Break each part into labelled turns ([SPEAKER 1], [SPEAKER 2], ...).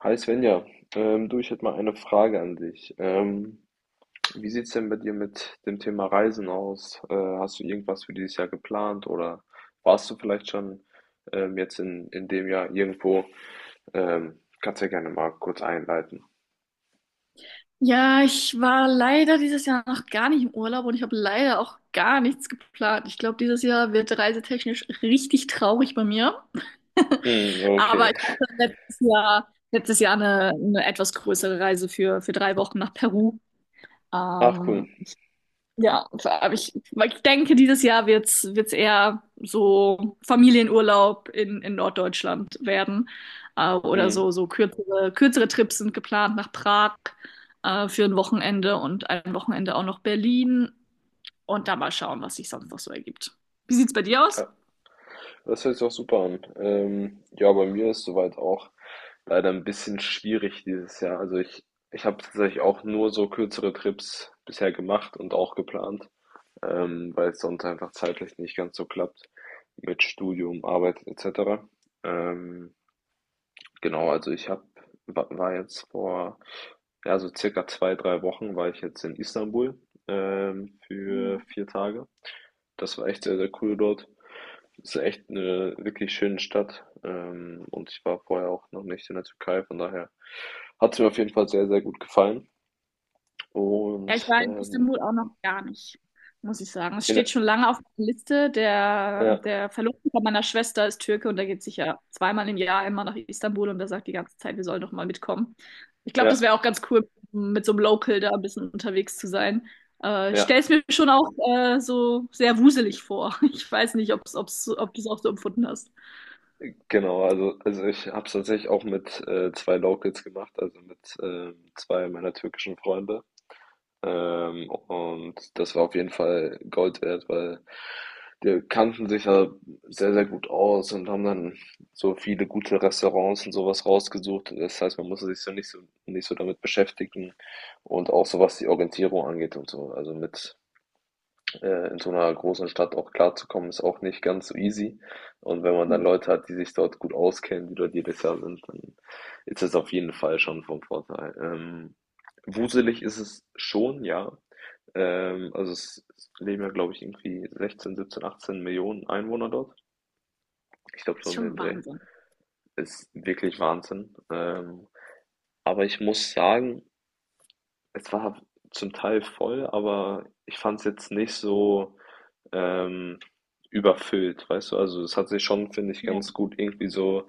[SPEAKER 1] Hi Svenja, du, ich hätte mal eine Frage an dich. Wie sieht's denn bei dir mit dem Thema Reisen aus? Hast du irgendwas für dieses Jahr geplant oder warst du vielleicht schon jetzt in dem Jahr irgendwo? Kannst ja gerne mal kurz einleiten.
[SPEAKER 2] Ja, ich war leider dieses Jahr noch gar nicht im Urlaub und ich habe leider auch gar nichts geplant. Ich glaube, dieses Jahr wird reisetechnisch richtig traurig bei mir.
[SPEAKER 1] Mm,
[SPEAKER 2] Aber ich
[SPEAKER 1] okay.
[SPEAKER 2] hatte letztes Jahr eine etwas größere Reise für drei Wochen nach Peru.
[SPEAKER 1] Ach cool.
[SPEAKER 2] Ähm, ja, aber ich denke, dieses Jahr wird's eher so Familienurlaub in Norddeutschland werden. Oder
[SPEAKER 1] Mm.
[SPEAKER 2] so, so kürzere Trips sind geplant nach Prag für ein Wochenende und ein Wochenende auch noch Berlin. Und da mal schauen, was sich sonst noch so ergibt. Wie sieht's bei dir aus?
[SPEAKER 1] Ja, das hört sich auch super an. Ja, bei mir ist soweit auch leider ein bisschen schwierig dieses Jahr. Ich habe tatsächlich auch nur so kürzere Trips bisher gemacht und auch geplant. Weil es sonst einfach zeitlich nicht ganz so klappt mit Studium, Arbeit etc. Ähm, genau, also ich hab, war jetzt vor, ja, so circa zwei, 3 Wochen war ich jetzt in Istanbul für 4 Tage. Das war echt sehr, sehr cool dort. Es ist echt eine wirklich schöne Stadt, und ich war vorher auch noch nicht in der Türkei, von daher hat es mir auf jeden Fall sehr, sehr gut gefallen.
[SPEAKER 2] Ja, ich
[SPEAKER 1] Und
[SPEAKER 2] war in Istanbul auch noch gar nicht, muss ich sagen. Es
[SPEAKER 1] in der,
[SPEAKER 2] steht schon lange auf der Liste. Der,
[SPEAKER 1] ja,
[SPEAKER 2] der Verlobte von meiner Schwester ist Türke und der geht sicher zweimal im Jahr immer nach Istanbul und der sagt die ganze Zeit, wir sollen doch mal mitkommen. Ich glaube,
[SPEAKER 1] ja,
[SPEAKER 2] das wäre auch ganz cool, mit so einem Local da ein bisschen unterwegs zu sein. Ich stelle
[SPEAKER 1] ja.
[SPEAKER 2] es mir schon auch so sehr wuselig vor. Ich weiß nicht, ob du es auch so empfunden hast.
[SPEAKER 1] Genau, also ich habe es tatsächlich auch mit zwei Locals gemacht, also mit zwei meiner türkischen Freunde. Und das war auf jeden Fall Gold wert, weil die kannten sich ja sehr, sehr gut aus und haben dann so viele gute Restaurants und sowas rausgesucht. Das heißt, man musste sich so nicht so damit beschäftigen und auch so was die Orientierung angeht und so. Also mit in so einer großen Stadt auch klarzukommen, ist auch nicht ganz so easy. Und wenn man dann
[SPEAKER 2] Ja.
[SPEAKER 1] Leute hat, die sich dort gut auskennen, die dort jedes Jahr sind, dann ist das auf jeden Fall schon vom Vorteil. Wuselig ist es schon, ja. Also es leben ja, glaube ich, irgendwie 16, 17, 18 Millionen Einwohner dort. Ich glaube,
[SPEAKER 2] Das
[SPEAKER 1] so
[SPEAKER 2] ist
[SPEAKER 1] um den
[SPEAKER 2] schon
[SPEAKER 1] Dreh.
[SPEAKER 2] Wahnsinn.
[SPEAKER 1] Ist wirklich Wahnsinn. Aber ich muss sagen, es war zum Teil voll, aber ich fand es jetzt nicht so ähm, überfüllt, weißt du? Also es hat sich schon, finde ich, ganz
[SPEAKER 2] Ja.
[SPEAKER 1] gut irgendwie so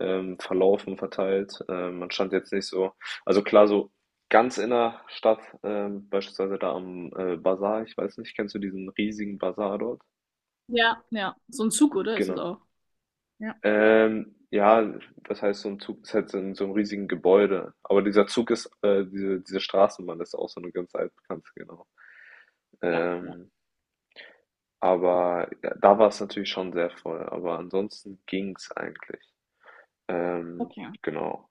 [SPEAKER 1] verlaufen, verteilt. Man stand jetzt nicht so, also klar, so ganz in der Stadt, beispielsweise da am Bazar, ich weiß nicht, kennst du diesen riesigen Bazar dort?
[SPEAKER 2] Ja, ja. So ein Zug, oder? Ist es
[SPEAKER 1] Genau.
[SPEAKER 2] auch. Ja.
[SPEAKER 1] Ja, das heißt, so ein Zug ist halt so in so einem riesigen Gebäude. Aber dieser Zug ist, diese Straßenbahn ist auch so eine ganz altbekannte, genau.
[SPEAKER 2] Ja, ja.
[SPEAKER 1] Ähm, Aber ja, da war es natürlich schon sehr voll. Aber ansonsten ging's eigentlich. Ähm,
[SPEAKER 2] Okay.
[SPEAKER 1] genau.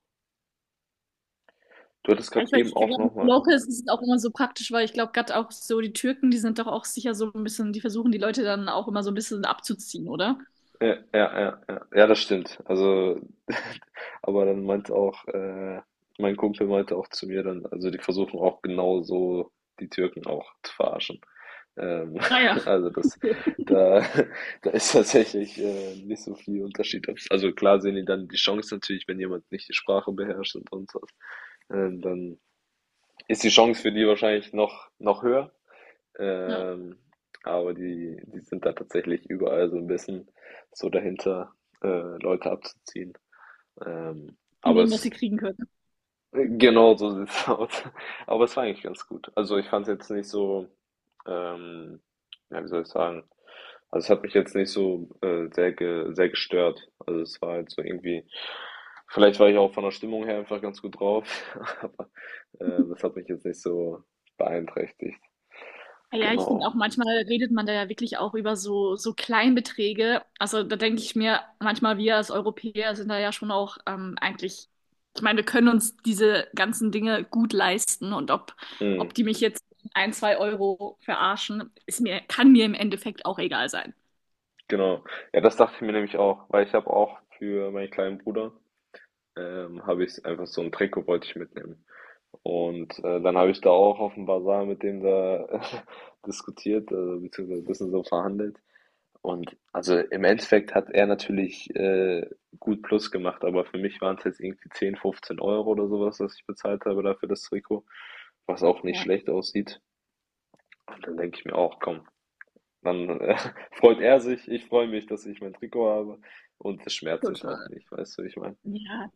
[SPEAKER 1] Du hattest
[SPEAKER 2] Ja,
[SPEAKER 1] gerade eben
[SPEAKER 2] ich
[SPEAKER 1] auch nochmal.
[SPEAKER 2] glaube, es ist es auch immer so praktisch, weil ich glaube, gerade auch so die Türken, die sind doch auch sicher so ein bisschen, die versuchen die Leute dann auch immer so ein bisschen abzuziehen, oder?
[SPEAKER 1] Ja, ja, ja, ja. Ja, das stimmt. Also, aber dann meinte auch, mein Kumpel meinte auch zu mir dann, also die versuchen auch genau so die Türken auch zu verarschen. Ähm,
[SPEAKER 2] Naja, ja.
[SPEAKER 1] also das, da, da ist tatsächlich nicht so viel Unterschied. Also klar sehen die dann die Chance natürlich, wenn jemand nicht die Sprache beherrscht und sonst was. Dann ist die Chance für die wahrscheinlich noch höher.
[SPEAKER 2] Ja.
[SPEAKER 1] Ähm, aber die sind da tatsächlich überall so ein bisschen so dahinter, äh, Leute abzuziehen.
[SPEAKER 2] Die
[SPEAKER 1] Aber
[SPEAKER 2] nehmen, was sie
[SPEAKER 1] es
[SPEAKER 2] kriegen können.
[SPEAKER 1] genau so sieht's aus. Aber es war eigentlich ganz gut. Also ich fand's jetzt nicht so, ähm, ja, wie soll ich sagen? Also es hat mich jetzt nicht so sehr gestört. Also es war halt so irgendwie, vielleicht war ich auch von der Stimmung her einfach ganz gut drauf, aber das hat mich jetzt nicht so beeinträchtigt.
[SPEAKER 2] Ja, ja, ich finde
[SPEAKER 1] Genau.
[SPEAKER 2] auch manchmal redet man da ja wirklich auch über so, so Kleinbeträge. Also da denke ich mir, manchmal wir als Europäer sind da ja schon auch eigentlich, ich meine, wir können uns diese ganzen Dinge gut leisten und ob
[SPEAKER 1] Mhm,
[SPEAKER 2] die mich jetzt ein, zwei Euro verarschen, ist mir, kann mir im Endeffekt auch egal sein.
[SPEAKER 1] genau. Ja, das dachte ich mir nämlich auch, weil ich habe auch für meinen kleinen Bruder, habe ich einfach so ein Trikot wollte ich mitnehmen. Und dann habe ich da auch auf dem Basar mit dem da diskutiert, beziehungsweise ein bisschen so verhandelt. Und also im Endeffekt hat er natürlich gut Plus gemacht, aber für mich waren es jetzt irgendwie 10 15 Euro oder sowas, was ich bezahlt habe dafür das Trikot, was auch nicht
[SPEAKER 2] Ja,
[SPEAKER 1] schlecht aussieht. Und dann denke ich mir auch, komm, dann freut er sich, ich freue mich, dass ich mein Trikot habe und es schmerzt jetzt auch
[SPEAKER 2] total.
[SPEAKER 1] nicht, weißt du, wie ich meine?
[SPEAKER 2] Ja,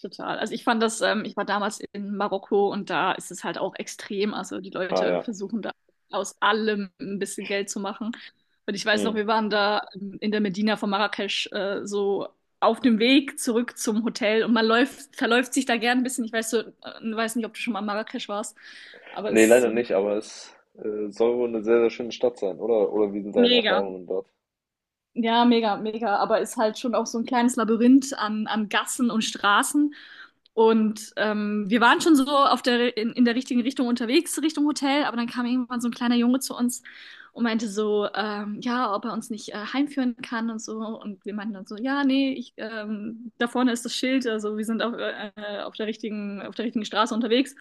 [SPEAKER 2] total. Also ich fand das, ich war damals in Marokko und da ist es halt auch extrem. Also die
[SPEAKER 1] Ah
[SPEAKER 2] Leute
[SPEAKER 1] ja.
[SPEAKER 2] versuchen da aus allem ein bisschen Geld zu machen. Und ich weiß noch,
[SPEAKER 1] Mhm.
[SPEAKER 2] wir waren da in der Medina von Marrakesch so auf dem Weg zurück zum Hotel und man läuft, verläuft sich da gern ein bisschen. Ich weiß so, weiß nicht, ob du schon mal in Marrakesch warst, aber es
[SPEAKER 1] Ne,
[SPEAKER 2] ist
[SPEAKER 1] leider
[SPEAKER 2] so
[SPEAKER 1] nicht, aber es, soll wohl eine sehr, sehr schöne Stadt sein, oder? Oder wie sind deine
[SPEAKER 2] mega.
[SPEAKER 1] Erfahrungen dort?
[SPEAKER 2] Ja, mega, mega. Aber ist halt schon auch so ein kleines Labyrinth an Gassen und Straßen. Und wir waren schon so auf der, in der richtigen Richtung unterwegs, Richtung Hotel. Aber dann kam irgendwann so ein kleiner Junge zu uns und meinte so, ja, ob er uns nicht heimführen kann und so. Und wir meinten dann so, ja, nee, da vorne ist das Schild. Also wir sind auf der richtigen Straße unterwegs.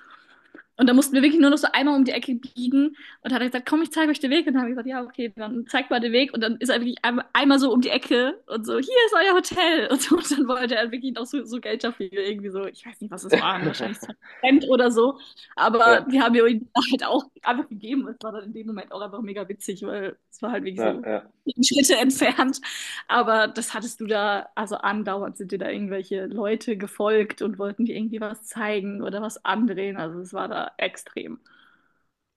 [SPEAKER 2] Und da mussten wir wirklich nur noch so einmal um die Ecke biegen und hat er gesagt, komm, ich zeige euch den Weg. Und dann habe ich gesagt, ja, okay, dann zeig mal den Weg. Und dann ist er wirklich einmal so um die Ecke und so, hier ist euer Hotel. Und, so, und dann wollte er wirklich noch so, so Geld dafür, irgendwie so, ich weiß nicht, was es waren, wahrscheinlich 20 Cent oder so. Aber
[SPEAKER 1] Ja,
[SPEAKER 2] die haben mir ihm halt auch einfach gegeben. Es war dann in dem Moment auch einfach mega witzig, weil es war halt wirklich
[SPEAKER 1] ja,
[SPEAKER 2] so
[SPEAKER 1] ja.
[SPEAKER 2] zehn Schritte entfernt. Aber das hattest du da, also andauernd sind dir da irgendwelche Leute gefolgt und wollten dir irgendwie was zeigen oder was andrehen. Also es war da extrem.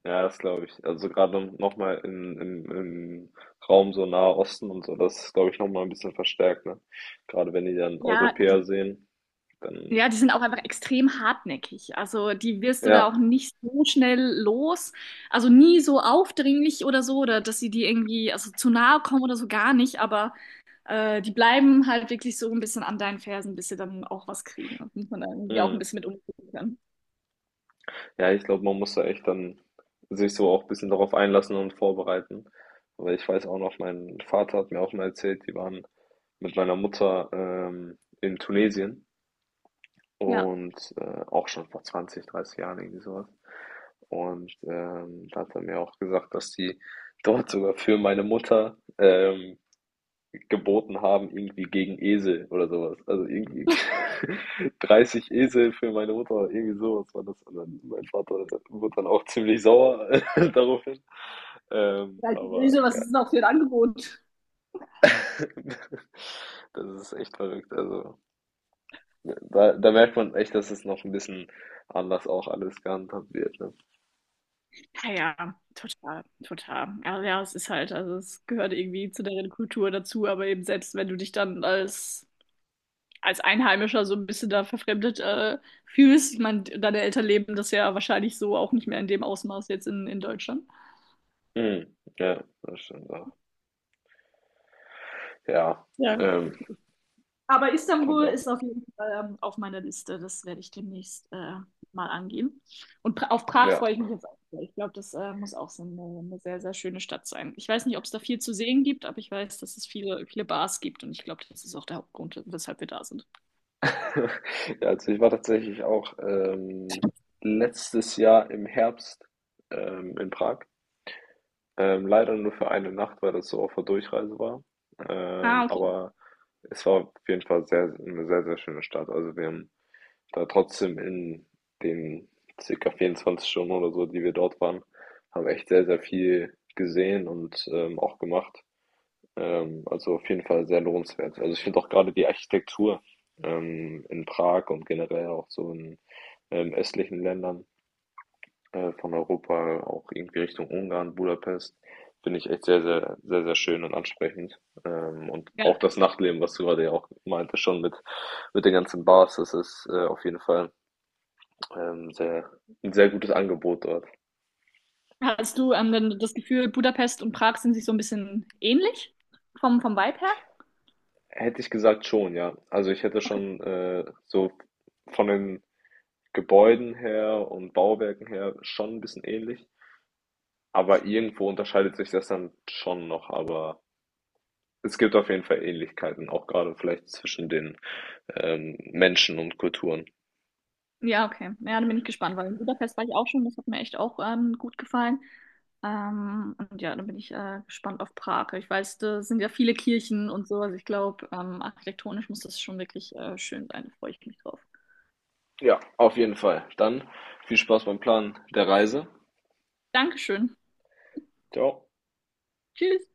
[SPEAKER 1] Ja, das glaube ich. Also, gerade noch mal im Raum so Nahe Osten und so, das ist, glaube ich, noch mal 'n bisschen verstärkt, ne? Gerade wenn die dann
[SPEAKER 2] Ja, die,
[SPEAKER 1] Europäer sehen, dann
[SPEAKER 2] ja, die sind auch einfach extrem hartnäckig. Also die wirst du da auch
[SPEAKER 1] ja,
[SPEAKER 2] nicht so schnell los. Also nie so aufdringlich oder so, oder dass sie dir irgendwie also zu nahe kommen oder so gar nicht. Aber die bleiben halt wirklich so ein bisschen an deinen Fersen, bis sie dann auch was kriegen. Das muss man dann irgendwie auch ein
[SPEAKER 1] mhm.
[SPEAKER 2] bisschen mit umgehen können.
[SPEAKER 1] Ja, ich glaube, man muss da echt dann sich so auch ein bisschen darauf einlassen und vorbereiten. Weil ich weiß auch noch, mein Vater hat mir auch mal erzählt, die waren mit meiner Mutter, in Tunesien.
[SPEAKER 2] Ja.
[SPEAKER 1] Und auch schon vor 20 30 Jahren irgendwie sowas. Und da hat er mir auch gesagt, dass die dort sogar für meine Mutter geboten haben, irgendwie gegen Esel oder sowas. Also irgendwie 30 Esel für meine Mutter oder irgendwie sowas war das. Und dann mein Vater wurde dann auch ziemlich sauer daraufhin.
[SPEAKER 2] Halt
[SPEAKER 1] Aber
[SPEAKER 2] böse, was
[SPEAKER 1] ja,
[SPEAKER 2] ist denn auch für ein Angebot?
[SPEAKER 1] das ist echt verrückt. Also da merkt man echt, dass es noch ein bisschen anders auch alles gehandhabt wird. Ne?
[SPEAKER 2] Ja, ja, total, total. Ja, ja, es ist halt, also es gehört irgendwie zu deren Kultur dazu, aber eben selbst wenn du dich dann als, als Einheimischer so ein bisschen da verfremdet fühlst, ich meine, deine Eltern leben das ja wahrscheinlich so auch nicht mehr in dem Ausmaß jetzt in Deutschland.
[SPEAKER 1] Mhm. Ja, das stimmt auch. Ja,
[SPEAKER 2] Ja.
[SPEAKER 1] ähm,
[SPEAKER 2] Aber
[SPEAKER 1] von
[SPEAKER 2] Istanbul
[SPEAKER 1] da.
[SPEAKER 2] ist auf jeden Fall auf meiner Liste. Das werde ich demnächst mal angehen. Und pra auf Prag
[SPEAKER 1] Ja.
[SPEAKER 2] freue ich mich jetzt auch sehr. Ich glaube, das muss auch so eine sehr, sehr schöne Stadt sein. Ich weiß nicht, ob es da viel zu sehen gibt, aber ich weiß, dass es viele, viele Bars gibt. Und ich glaube, das ist auch der Hauptgrund, weshalb wir da sind.
[SPEAKER 1] Ja, also ich war tatsächlich auch letztes Jahr im Herbst in Prag. Leider nur für eine Nacht, weil das so auf der Durchreise war.
[SPEAKER 2] Ah, okay.
[SPEAKER 1] Aber es war auf jeden Fall eine sehr, sehr schöne Stadt. Also wir haben da trotzdem in den circa 24 Stunden oder so, die wir dort waren, haben echt sehr, sehr viel gesehen und auch gemacht. Also auf jeden Fall sehr lohnenswert. Also ich finde auch gerade die Architektur in Prag und generell auch so in östlichen Ländern von Europa, auch irgendwie Richtung Ungarn, Budapest, finde ich echt sehr, sehr, sehr, sehr schön und ansprechend. Und auch
[SPEAKER 2] Ja.
[SPEAKER 1] das Nachtleben, was du gerade ja auch meinte, schon mit den ganzen Bars, das ist auf jeden Fall sehr, ein sehr gutes Angebot dort.
[SPEAKER 2] Hast du denn das Gefühl, Budapest und Prag sind sich so ein bisschen ähnlich vom Vibe her?
[SPEAKER 1] Hätte ich gesagt schon, ja. Also ich hätte
[SPEAKER 2] Okay.
[SPEAKER 1] schon so von den Gebäuden her und Bauwerken her schon ein bisschen ähnlich, aber irgendwo unterscheidet sich das dann schon noch, aber es gibt auf jeden Fall Ähnlichkeiten, auch gerade vielleicht zwischen den, Menschen und Kulturen.
[SPEAKER 2] Ja, okay. Ja, dann bin ich gespannt, weil in Budapest war ich auch schon. Das hat mir echt auch gut gefallen. Und ja, dann bin ich gespannt auf Prag. Ich weiß, da sind ja viele Kirchen und so. Also ich glaube, architektonisch muss das schon wirklich schön sein. Da freue ich mich drauf.
[SPEAKER 1] Ja, auf jeden Fall. Dann viel Spaß beim Planen der Reise.
[SPEAKER 2] Dankeschön.
[SPEAKER 1] Ciao.
[SPEAKER 2] Tschüss.